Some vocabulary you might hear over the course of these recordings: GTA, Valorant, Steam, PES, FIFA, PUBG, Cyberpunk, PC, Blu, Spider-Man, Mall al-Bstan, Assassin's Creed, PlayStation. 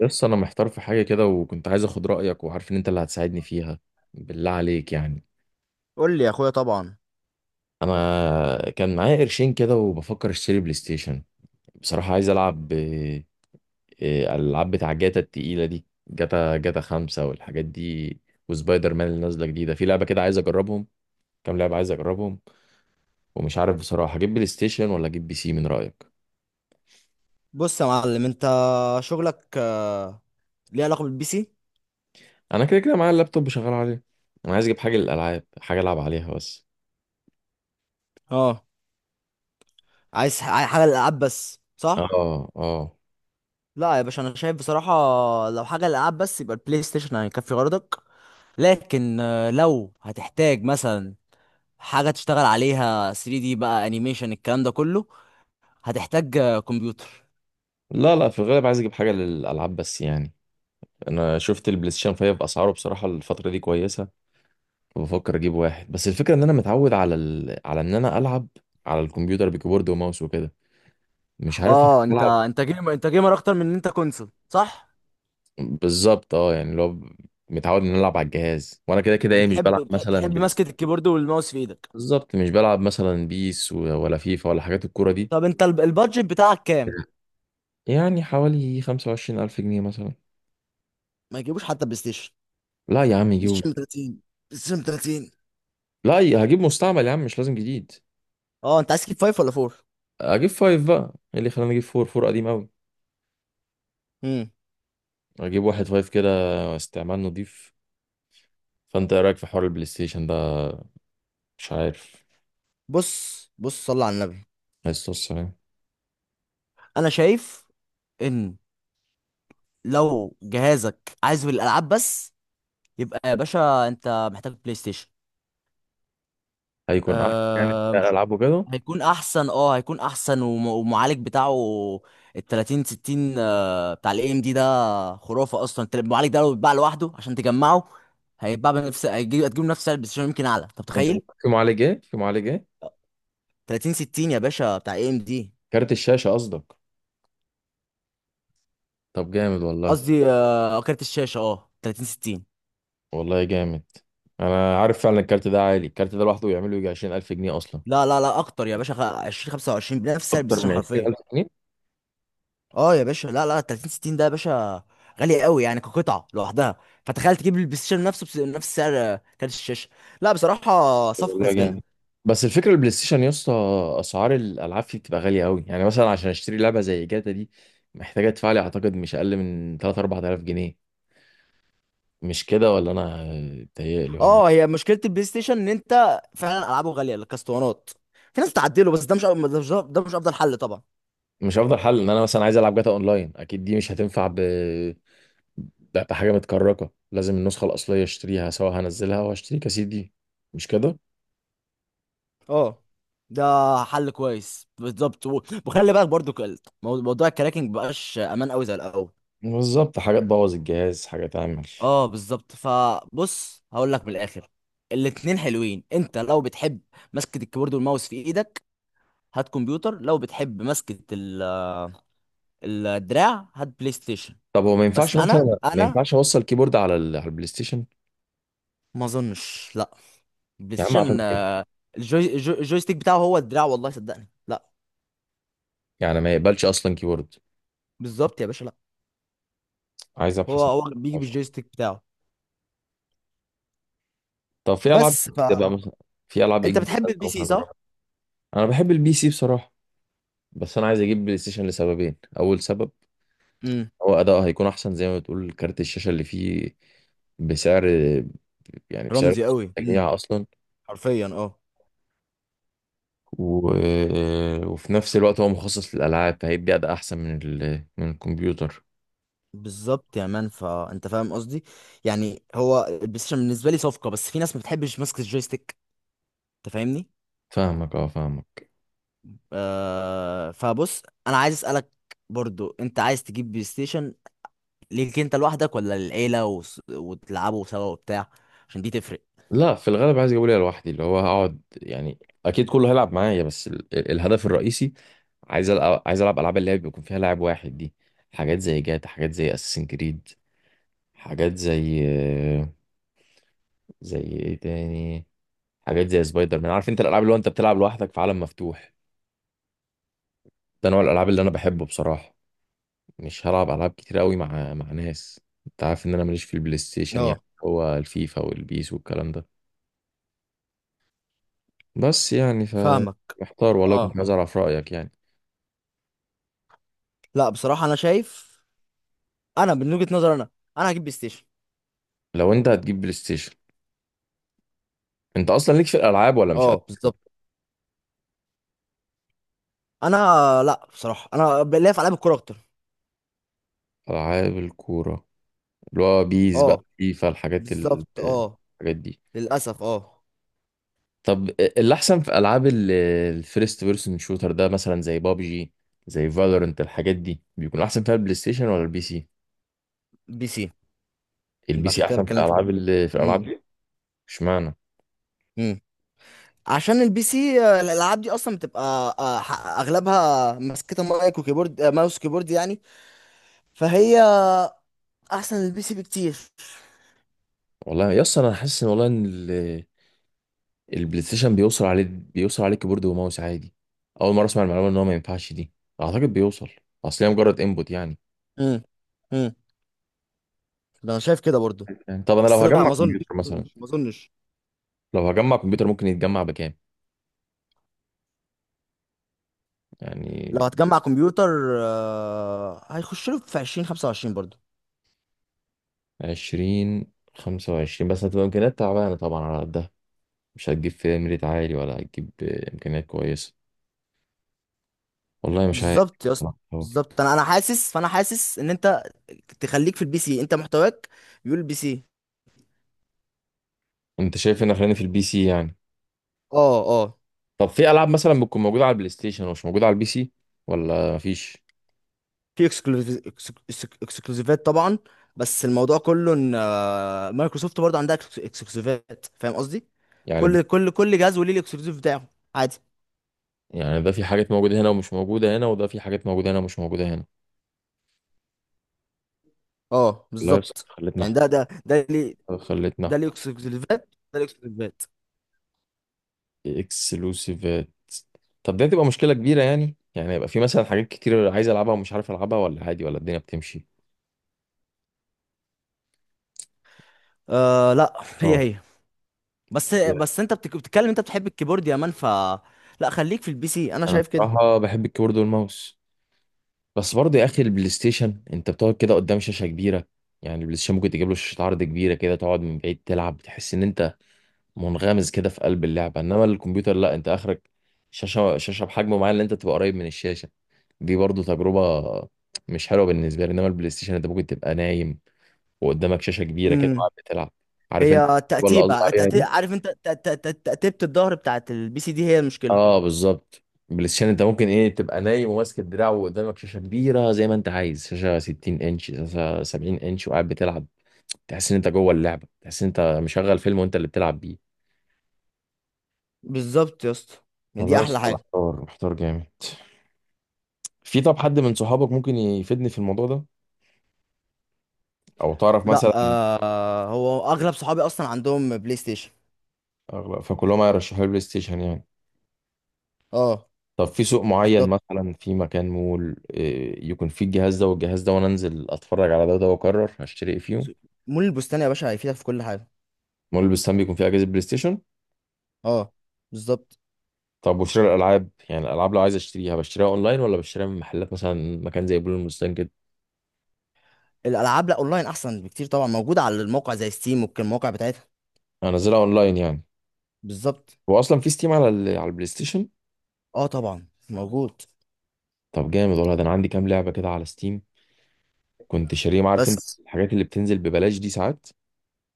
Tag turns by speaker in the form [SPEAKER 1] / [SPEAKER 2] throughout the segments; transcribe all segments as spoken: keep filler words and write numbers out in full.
[SPEAKER 1] بس انا محتار في حاجه كده، وكنت عايز اخد رايك وعارف ان انت اللي هتساعدني فيها، بالله عليك يعني.
[SPEAKER 2] قول لي يا اخويا، طبعا.
[SPEAKER 1] انا كان معايا قرشين كده وبفكر اشتري بلاي ستيشن. بصراحه عايز العب، آه، آه، الالعاب بتاع جاتا التقيله دي، جاتا جاتا خمسة والحاجات دي. وسبايدر مان اللي نازله جديده، في لعبه كده عايز اجربهم، كام لعبه عايز اجربهم. ومش عارف بصراحه اجيب بلاي ستيشن ولا اجيب بي سي، من رايك؟
[SPEAKER 2] بص يا معلم، انت شغلك آه، ليه علاقه بالبي سي؟
[SPEAKER 1] انا كده كده معايا اللابتوب شغال عليه. انا عايز اجيب حاجه للالعاب، حاجه العب عليها بس.
[SPEAKER 2] اه، عايز ح- عايز حاجه للالعاب بس صح؟
[SPEAKER 1] اه، اه.
[SPEAKER 2] لا يا باشا، انا شايف بصراحه، لو حاجه للالعاب بس يبقى البلاي ستيشن هيكفي غرضك. لكن آه، لو هتحتاج مثلا حاجه تشتغل عليها 3 دي بقى، انيميشن، الكلام ده كله، هتحتاج آه، كمبيوتر.
[SPEAKER 1] لا، لا، في الغالب عايز اجيب حاجه للالعاب بس يعني. انا شفت البلاي ستيشن فايف باسعاره، بصراحه الفتره دي كويسه وبفكر اجيب واحد. بس الفكره ان انا متعود على ال... على ان انا العب على الكمبيوتر بكيبورد وماوس وكده. مش عارف
[SPEAKER 2] اه، انت
[SPEAKER 1] العب.
[SPEAKER 2] انت جيمر، انت جيمر اكتر من ان انت كونسول صح؟
[SPEAKER 1] بالظبط اه، يعني لو متعود ان أنا العب على الجهاز، وانا كده كده ايه مش
[SPEAKER 2] بتحب
[SPEAKER 1] بلعب
[SPEAKER 2] بتحب
[SPEAKER 1] مثلا
[SPEAKER 2] بتحب
[SPEAKER 1] بلاي
[SPEAKER 2] ماسكه
[SPEAKER 1] ستيشن.
[SPEAKER 2] الكيبورد والماوس في ايدك.
[SPEAKER 1] بالظبط مش بلعب مثلا بيس و- ولا فيفا ولا حاجات الكوره دي.
[SPEAKER 2] طب انت الب- البادجت بتاعك كام؟
[SPEAKER 1] يعني حوالي خمسة وعشرين الف جنيه مثلا.
[SPEAKER 2] ما يجيبوش حتى بلاي ستيشن.
[SPEAKER 1] لا يا عم
[SPEAKER 2] بلاي
[SPEAKER 1] يجيبوا.
[SPEAKER 2] ستيشن تلاتين. بلاي ستيشن تلاتين.
[SPEAKER 1] لا، هجيب مستعمل يا عم، مش لازم جديد.
[SPEAKER 2] اه، انت عايز كيك فايف ولا فور؟
[SPEAKER 1] اجيب فايف بقى، ايه اللي خلاني اجيب فور فور قديم قوي؟
[SPEAKER 2] امم
[SPEAKER 1] اجيب واحد فايف كده، استعمال نضيف. فانت ايه رايك في حوار البلاي ستيشن ده؟ مش عارف.
[SPEAKER 2] بص بص، صلى على النبي.
[SPEAKER 1] بس بص يعني،
[SPEAKER 2] انا شايف ان لو جهازك عايز الالعاب بس، يبقى يا باشا انت محتاج بلاي ستيشن.
[SPEAKER 1] هيكون احسن يعني
[SPEAKER 2] آه،
[SPEAKER 1] في
[SPEAKER 2] مش-
[SPEAKER 1] العابه كده.
[SPEAKER 2] هيكون احسن، اه هيكون احسن، وم- والمعالج بتاعه ال تلاتين ستين، آه، بتاع الاي ام دي ده، خرافه اصلا. انت المعالج ده لو اتباع لوحده عشان تجمعه، هيتباع بنفس هيجيب هتجيب نفس سعر البلاي ستيشن، يمكن اعلى، انت
[SPEAKER 1] انت
[SPEAKER 2] متخيل؟
[SPEAKER 1] في معالج ايه؟ في معالج ايه؟
[SPEAKER 2] تلاتين ستين يا باشا بتاع اي ام دي.
[SPEAKER 1] كارت الشاشه قصدك؟ طب جامد والله.
[SPEAKER 2] قصدي آه، كارت الشاشه، اه تلاتين ستين.
[SPEAKER 1] والله جامد. انا عارف فعلا الكارت ده عالي. الكارت ده لوحده يعمل له يجي عشرين الف جنيه اصلا.
[SPEAKER 2] لا لا لا، اكتر يا باشا، خ- عشرين خمسه وعشرين بنفس سعر البلاي
[SPEAKER 1] اكتر
[SPEAKER 2] ستيشن
[SPEAKER 1] من
[SPEAKER 2] حرفيا.
[SPEAKER 1] عشرين الف جنيه؟
[SPEAKER 2] اه يا باشا، لا لا، تلاتين ستين ده يا باشا غالي قوي يعني كقطعه لوحدها. فتخيل تجيب البلاي ستيشن نفسه بس- بنفس سعر آه، كارت الشاشه. لا بصراحه صفقه
[SPEAKER 1] والله
[SPEAKER 2] كسبانه.
[SPEAKER 1] جامد. بس الفكره البلاي ستيشن يا اسطى، اسعار الالعاب فيه بتبقى غاليه قوي. يعني مثلا عشان اشتري لعبه زي جاتا دي، محتاجه ادفع لي اعتقد مش اقل من ثلاثة، اربعة الاف جنيه. مش كده ولا انا بتهيألي ولا
[SPEAKER 2] اه،
[SPEAKER 1] إيه؟
[SPEAKER 2] هي مشكله البلاي ستيشن ان انت فعلا العابه غاليه، الكاستوانات. في ناس بتعدله، بس ده مش ده مش ده مش افضل حل طبعا.
[SPEAKER 1] مش افضل حل ان انا مثلا عايز العب جاتا اونلاين، اكيد دي مش هتنفع ب... ب- بحاجه متكركه. لازم النسخه الاصليه اشتريها، سواء هنزلها واشتري كاسيت دي. مش كده؟
[SPEAKER 2] اه، ده حل كويس بالظبط، و- وخلي بالك برضو، ك- موضوع الكراكنج مبقاش امان قوي زي الاول.
[SPEAKER 1] بالظبط، حاجه تبوظ الجهاز، حاجه تعمل.
[SPEAKER 2] اه بالظبط، فبص هقول لك من الاخر. الاتنين حلوين. انت لو بتحب مسكة الكيبورد والماوس في ايدك هات كمبيوتر، لو بتحب مسكة ال- الدراع هات بلاي ستيشن.
[SPEAKER 1] طب هو ما
[SPEAKER 2] بس
[SPEAKER 1] ينفعش
[SPEAKER 2] انا
[SPEAKER 1] مثلا، ما
[SPEAKER 2] انا
[SPEAKER 1] ينفعش اوصل كيبورد على ال... على البلاي ستيشن؟
[SPEAKER 2] ما اظنش لا. البلاي
[SPEAKER 1] يا عم
[SPEAKER 2] ستيشن
[SPEAKER 1] اعتقد
[SPEAKER 2] آه، الجوي الجو- الجويستيك بتاعه هو الدراع، والله صدقني لا.
[SPEAKER 1] يعني ما يقبلش اصلا كيبورد.
[SPEAKER 2] بالظبط يا باشا لا.
[SPEAKER 1] عايز
[SPEAKER 2] هو
[SPEAKER 1] ابحث عن
[SPEAKER 2] هو
[SPEAKER 1] أو
[SPEAKER 2] بيجي
[SPEAKER 1] أشوف.
[SPEAKER 2] بالجويستيك بتاعه.
[SPEAKER 1] طب في العاب
[SPEAKER 2] بس
[SPEAKER 1] جديده
[SPEAKER 2] فانت
[SPEAKER 1] بقى مثلا، في العاب إيه جديده
[SPEAKER 2] بتحب البي
[SPEAKER 1] ممكن
[SPEAKER 2] سي
[SPEAKER 1] اجربها؟
[SPEAKER 2] صح؟
[SPEAKER 1] انا بحب البي سي بصراحه. بس انا عايز اجيب بلاي ستيشن لسببين. اول سبب
[SPEAKER 2] امم
[SPEAKER 1] هو اداؤه هيكون احسن زي ما بتقول، كارت الشاشه اللي فيه بسعر، يعني بسعر
[SPEAKER 2] رمزي قوي. امم
[SPEAKER 1] التجميع اصلا.
[SPEAKER 2] حرفيا اه.
[SPEAKER 1] و... وفي نفس الوقت هو مخصص للالعاب، فهيدي اداء احسن من ال... من الكمبيوتر.
[SPEAKER 2] بالظبط يا مان، فانت فاهم قصدي. يعني هو البلاي ستيشن بالنسبه لي صفقه، بس في ناس ما بتحبش ماسكه الجويستيك، انت فاهمني؟
[SPEAKER 1] فاهمك، اه فاهمك.
[SPEAKER 2] آه فبص، انا عايز اسالك برضو، انت عايز تجيب بلاي ستيشن ليك انت لوحدك ولا للعيله وس... وتلعبوا سوا وبتاع؟ عشان دي تفرق.
[SPEAKER 1] لا، في الغالب عايز اجيبه ليا لوحدي، اللي هو هقعد يعني. اكيد كله هيلعب معايا بس ال... الهدف الرئيسي. عايز ألعب عايز ألعب ألعاب اللي هي بيكون فيها لاعب واحد دي. حاجات زي جاتا، حاجات زي أساسين كريد، حاجات زي زي إيه تاني، حاجات زي سبايدر مان. عارف أنت الألعاب اللي هو أنت بتلعب لوحدك في عالم مفتوح. ده نوع الألعاب اللي أنا بحبه بصراحة. مش هلعب ألعاب كتير قوي مع مع ناس. أنت عارف إن أنا ماليش في البلاي ستيشن يعني،
[SPEAKER 2] اه
[SPEAKER 1] هو الفيفا والبيس والكلام ده بس يعني ف
[SPEAKER 2] فاهمك
[SPEAKER 1] محتار والله، كنت
[SPEAKER 2] اه.
[SPEAKER 1] عايز أعرف رأيك يعني.
[SPEAKER 2] لا بصراحه انا شايف، انا من وجهه نظري انا، انا هجيب بلاي ستيشن.
[SPEAKER 1] لو أنت هتجيب بلاي ستيشن، أنت أصلا ليك في الألعاب ولا مش
[SPEAKER 2] اه
[SPEAKER 1] قد؟
[SPEAKER 2] بالظبط انا. لا بصراحه، انا ليا في العاب الكوره اكتر.
[SPEAKER 1] ألعاب الكورة، اللي هو بيس بقى
[SPEAKER 2] اه
[SPEAKER 1] فيفا، الحاجات ال...
[SPEAKER 2] بالظبط اه.
[SPEAKER 1] الحاجات دي.
[SPEAKER 2] للاسف اه.
[SPEAKER 1] طب اللي احسن في العاب ال- الفيرست بيرسون شوتر ده مثلا، زي بابجي، زي فالورنت، الحاجات دي بيكون احسن فيها البلاي ستيشن ولا البي سي؟
[SPEAKER 2] بي سي.
[SPEAKER 1] البي
[SPEAKER 2] يبقى
[SPEAKER 1] سي
[SPEAKER 2] عشان كده
[SPEAKER 1] احسن في
[SPEAKER 2] بتكلم في كده.
[SPEAKER 1] الالعاب، اللي في الالعاب
[SPEAKER 2] امم
[SPEAKER 1] دي. اشمعنى؟
[SPEAKER 2] امم عشان البي سي آه، الالعاب دي اصلا بتبقى آه، ح- اغلبها ماسكه مايك وكيبورد، آه، ماوس وكيبورد يعني، فهي احسن البي سي بكتير.
[SPEAKER 1] والله يا اسطى، انا حاسس ان والله ان ال- البلاي ستيشن بيوصل عليه بيوصل عليه كيبورد وماوس عادي. اول مره اسمع المعلومه ان هو ما ينفعش دي، اعتقد بيوصل، اصل هي مجرد انبوت يعني.
[SPEAKER 2] امم امم ده انا شايف كده برضو.
[SPEAKER 1] يعني طب انا
[SPEAKER 2] بس
[SPEAKER 1] لو
[SPEAKER 2] لا،
[SPEAKER 1] هجمع
[SPEAKER 2] ما اظنش
[SPEAKER 1] كمبيوتر
[SPEAKER 2] ما
[SPEAKER 1] مثلا
[SPEAKER 2] اظنش ما اظنش.
[SPEAKER 1] لو هجمع كمبيوتر ممكن يتجمع بكام يعني؟
[SPEAKER 2] لو هتجمع كمبيوتر آه، هيخش له في عشرين خمسه وعشرين برضو.
[SPEAKER 1] عشرين، خمسة وعشرين، بس هتبقى إمكانيات تعبانة طبعا على قدها. مش هتجيب فيها ميريت عالي ولا هتجيب آه، إمكانيات كويسة. والله مش عارف
[SPEAKER 2] بالظبط يا اسطى.
[SPEAKER 1] بصراحة.
[SPEAKER 2] بالظبط، انا انا حاسس، فانا حاسس ان انت تخليك في البي سي، انت محتواك يقول البي سي.
[SPEAKER 1] أنت شايف إن خلينا في البي سي يعني؟
[SPEAKER 2] اه اه.
[SPEAKER 1] طب في ألعاب مثلا بتكون موجودة على البلاي ستيشن ومش موجودة على البي سي، ولا مفيش؟
[SPEAKER 2] في اكسكلوزيفات طبعا. بس الموضوع كله ان آه، مايكروسوفت برضه عندها اكسكلوزيفات، فاهم قصدي؟
[SPEAKER 1] يعني بت...
[SPEAKER 2] كل كل كل جهاز وليه الاكسكلوزيف بتاعه، عادي.
[SPEAKER 1] يعني ده في حاجات موجودة هنا ومش موجودة هنا، وده في حاجات موجودة هنا ومش موجودة هنا.
[SPEAKER 2] اه
[SPEAKER 1] والله بس
[SPEAKER 2] بالظبط.
[SPEAKER 1] خلتنا
[SPEAKER 2] يعني
[SPEAKER 1] أحتار
[SPEAKER 2] ده ده ده ليه؟
[SPEAKER 1] خلتنا
[SPEAKER 2] ده ليه
[SPEAKER 1] أحتار
[SPEAKER 2] اكسكلوزيفات؟ ده ليه اكسكلوزيفات؟
[SPEAKER 1] إكسلوسيفات. طب دي هتبقى مشكلة كبيرة، يعني يعني يبقى في مثلا حاجات كتير عايز ألعبها ومش عارف ألعبها، ولا عادي ولا الدنيا بتمشي؟
[SPEAKER 2] آه لا، هي هي. بس
[SPEAKER 1] Yeah.
[SPEAKER 2] بس انت بتك- بتتكلم، انت بتحب الكيبورد يا مان ف... لا، خليك في البي سي، انا
[SPEAKER 1] انا
[SPEAKER 2] شايف كده.
[SPEAKER 1] بصراحه بحب الكيبورد والماوس. بس برضه يا اخي البلاي ستيشن انت بتقعد كده قدام شاشه كبيره. يعني البلاي ستيشن ممكن تجيب له شاشه عرض كبيره كده، تقعد من بعيد تلعب، تحس ان انت منغمس كده في قلب اللعبه. انما الكمبيوتر لا، انت اخرك شاشه شاشه بحجم معين، اللي انت تبقى قريب من الشاشه. دي برضه تجربه مش حلوه بالنسبه لي. انما البلاي ستيشن انت ممكن تبقى نايم وقدامك شاشه كبيره كده
[SPEAKER 2] امم
[SPEAKER 1] وقاعد بتلعب. عارف انت
[SPEAKER 2] هي
[SPEAKER 1] التجربة اللي قصدي
[SPEAKER 2] تأتيبة تأتي...
[SPEAKER 1] عليها؟
[SPEAKER 2] عارف انت، ت- ت- ت- تأتيبة الظهر بتاعت البي سي دي هي المشكلة.
[SPEAKER 1] اه بالظبط. بلاي ستيشن انت ممكن ايه تبقى نايم وماسك الدراع، وقدامك شاشه كبيره زي ما انت عايز، شاشه 60 انش، شاشه 70 انش، وقاعد بتلعب. تحس ان انت جوه اللعبه، تحس ان انت مشغل فيلم وانت اللي بتلعب بيه.
[SPEAKER 2] بالظبط يا اسطى. يعني
[SPEAKER 1] والله
[SPEAKER 2] دي
[SPEAKER 1] يا
[SPEAKER 2] احلى
[SPEAKER 1] اسطى،
[SPEAKER 2] حاجة.
[SPEAKER 1] محتار محتار جامد. في، طب حد من صحابك ممكن يفيدني في الموضوع ده، او تعرف
[SPEAKER 2] لا،
[SPEAKER 1] مثلا؟
[SPEAKER 2] آه هو اغلب صحابي اصلا عندهم بلاي ستيشن.
[SPEAKER 1] أغلب- فكلهم هيرشحوا لي بلاي ستيشن يعني.
[SPEAKER 2] اه
[SPEAKER 1] طب في سوق معين
[SPEAKER 2] بالظبط.
[SPEAKER 1] مثلا، في مكان مول إيه، يكون فيه الجهاز ده والجهاز ده، وانا انزل اتفرج على ده وده واقرر هشتري ايه فيهم؟
[SPEAKER 2] مول البستان يا باشا هيفيدك في كل حاجه.
[SPEAKER 1] مول البستان بيكون فيه اجهزه بلاي ستيشن؟
[SPEAKER 2] اه. بالظبط.
[SPEAKER 1] طب وشراء الالعاب، يعني الالعاب لو عايز اشتريها، بشتريها اونلاين ولا بشتريها من محلات مثلا، مكان زي بلو المستنجد؟
[SPEAKER 2] الالعاب لا، اونلاين احسن بكتير طبعا، موجوده على الموقع زي ستيم والمواقع بتاعتها.
[SPEAKER 1] كده انزلها اونلاين يعني؟
[SPEAKER 2] بالظبط.
[SPEAKER 1] هو اصلا في ستيم على ال... على البلاي ستيشن؟
[SPEAKER 2] اه طبعا موجود.
[SPEAKER 1] طب جامد والله. ده انا عندي كام لعبه كده على ستيم، كنت شاريهم. عارف انت
[SPEAKER 2] بس.
[SPEAKER 1] الحاجات اللي بتنزل ببلاش دي ساعات.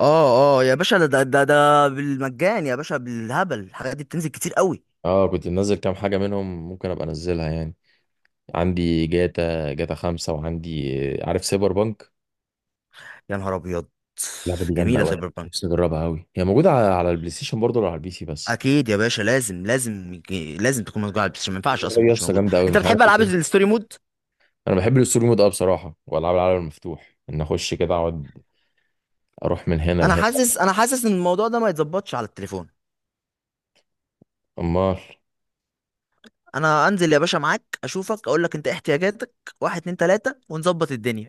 [SPEAKER 2] اه اه يا باشا، ده ده ده ده بالمجان يا باشا، بالهبل، الحاجات دي بتنزل كتير قوي.
[SPEAKER 1] اه، كنت منزل كام حاجه منهم، ممكن ابقى انزلها يعني. عندي جاتا جاتا خمسة وعندي، آه، عارف سايبر بانك؟
[SPEAKER 2] يا نهار ابيض.
[SPEAKER 1] اللعبه دي جامده
[SPEAKER 2] جميله
[SPEAKER 1] قوي.
[SPEAKER 2] سايبر بانك.
[SPEAKER 1] نفسي اجربها قوي. هي موجوده على على البلاي ستيشن برضه ولا على البي سي بس؟
[SPEAKER 2] اكيد يا باشا، لازم لازم، لازم تكون موجود على البلاي ستيشن، ما ينفعش اصلا
[SPEAKER 1] اللعبه
[SPEAKER 2] ما
[SPEAKER 1] دي يا
[SPEAKER 2] كنتش
[SPEAKER 1] اسطى
[SPEAKER 2] موجود.
[SPEAKER 1] جامده قوي،
[SPEAKER 2] انت
[SPEAKER 1] مش عارف.
[SPEAKER 2] بتحب العاب الستوري مود؟
[SPEAKER 1] انا بحب السلومود ده بصراحه، والعاب العالم المفتوح، ان اخش كده اقعد اروح من هنا
[SPEAKER 2] انا
[SPEAKER 1] لهنا.
[SPEAKER 2] حاسس انا حاسس ان الموضوع ده ما يتظبطش على التليفون.
[SPEAKER 1] امال؟
[SPEAKER 2] انا انزل يا باشا معاك، اشوفك، اقول لك انت إيه احتياجاتك. واحد اتنين تلاتة، ونظبط الدنيا.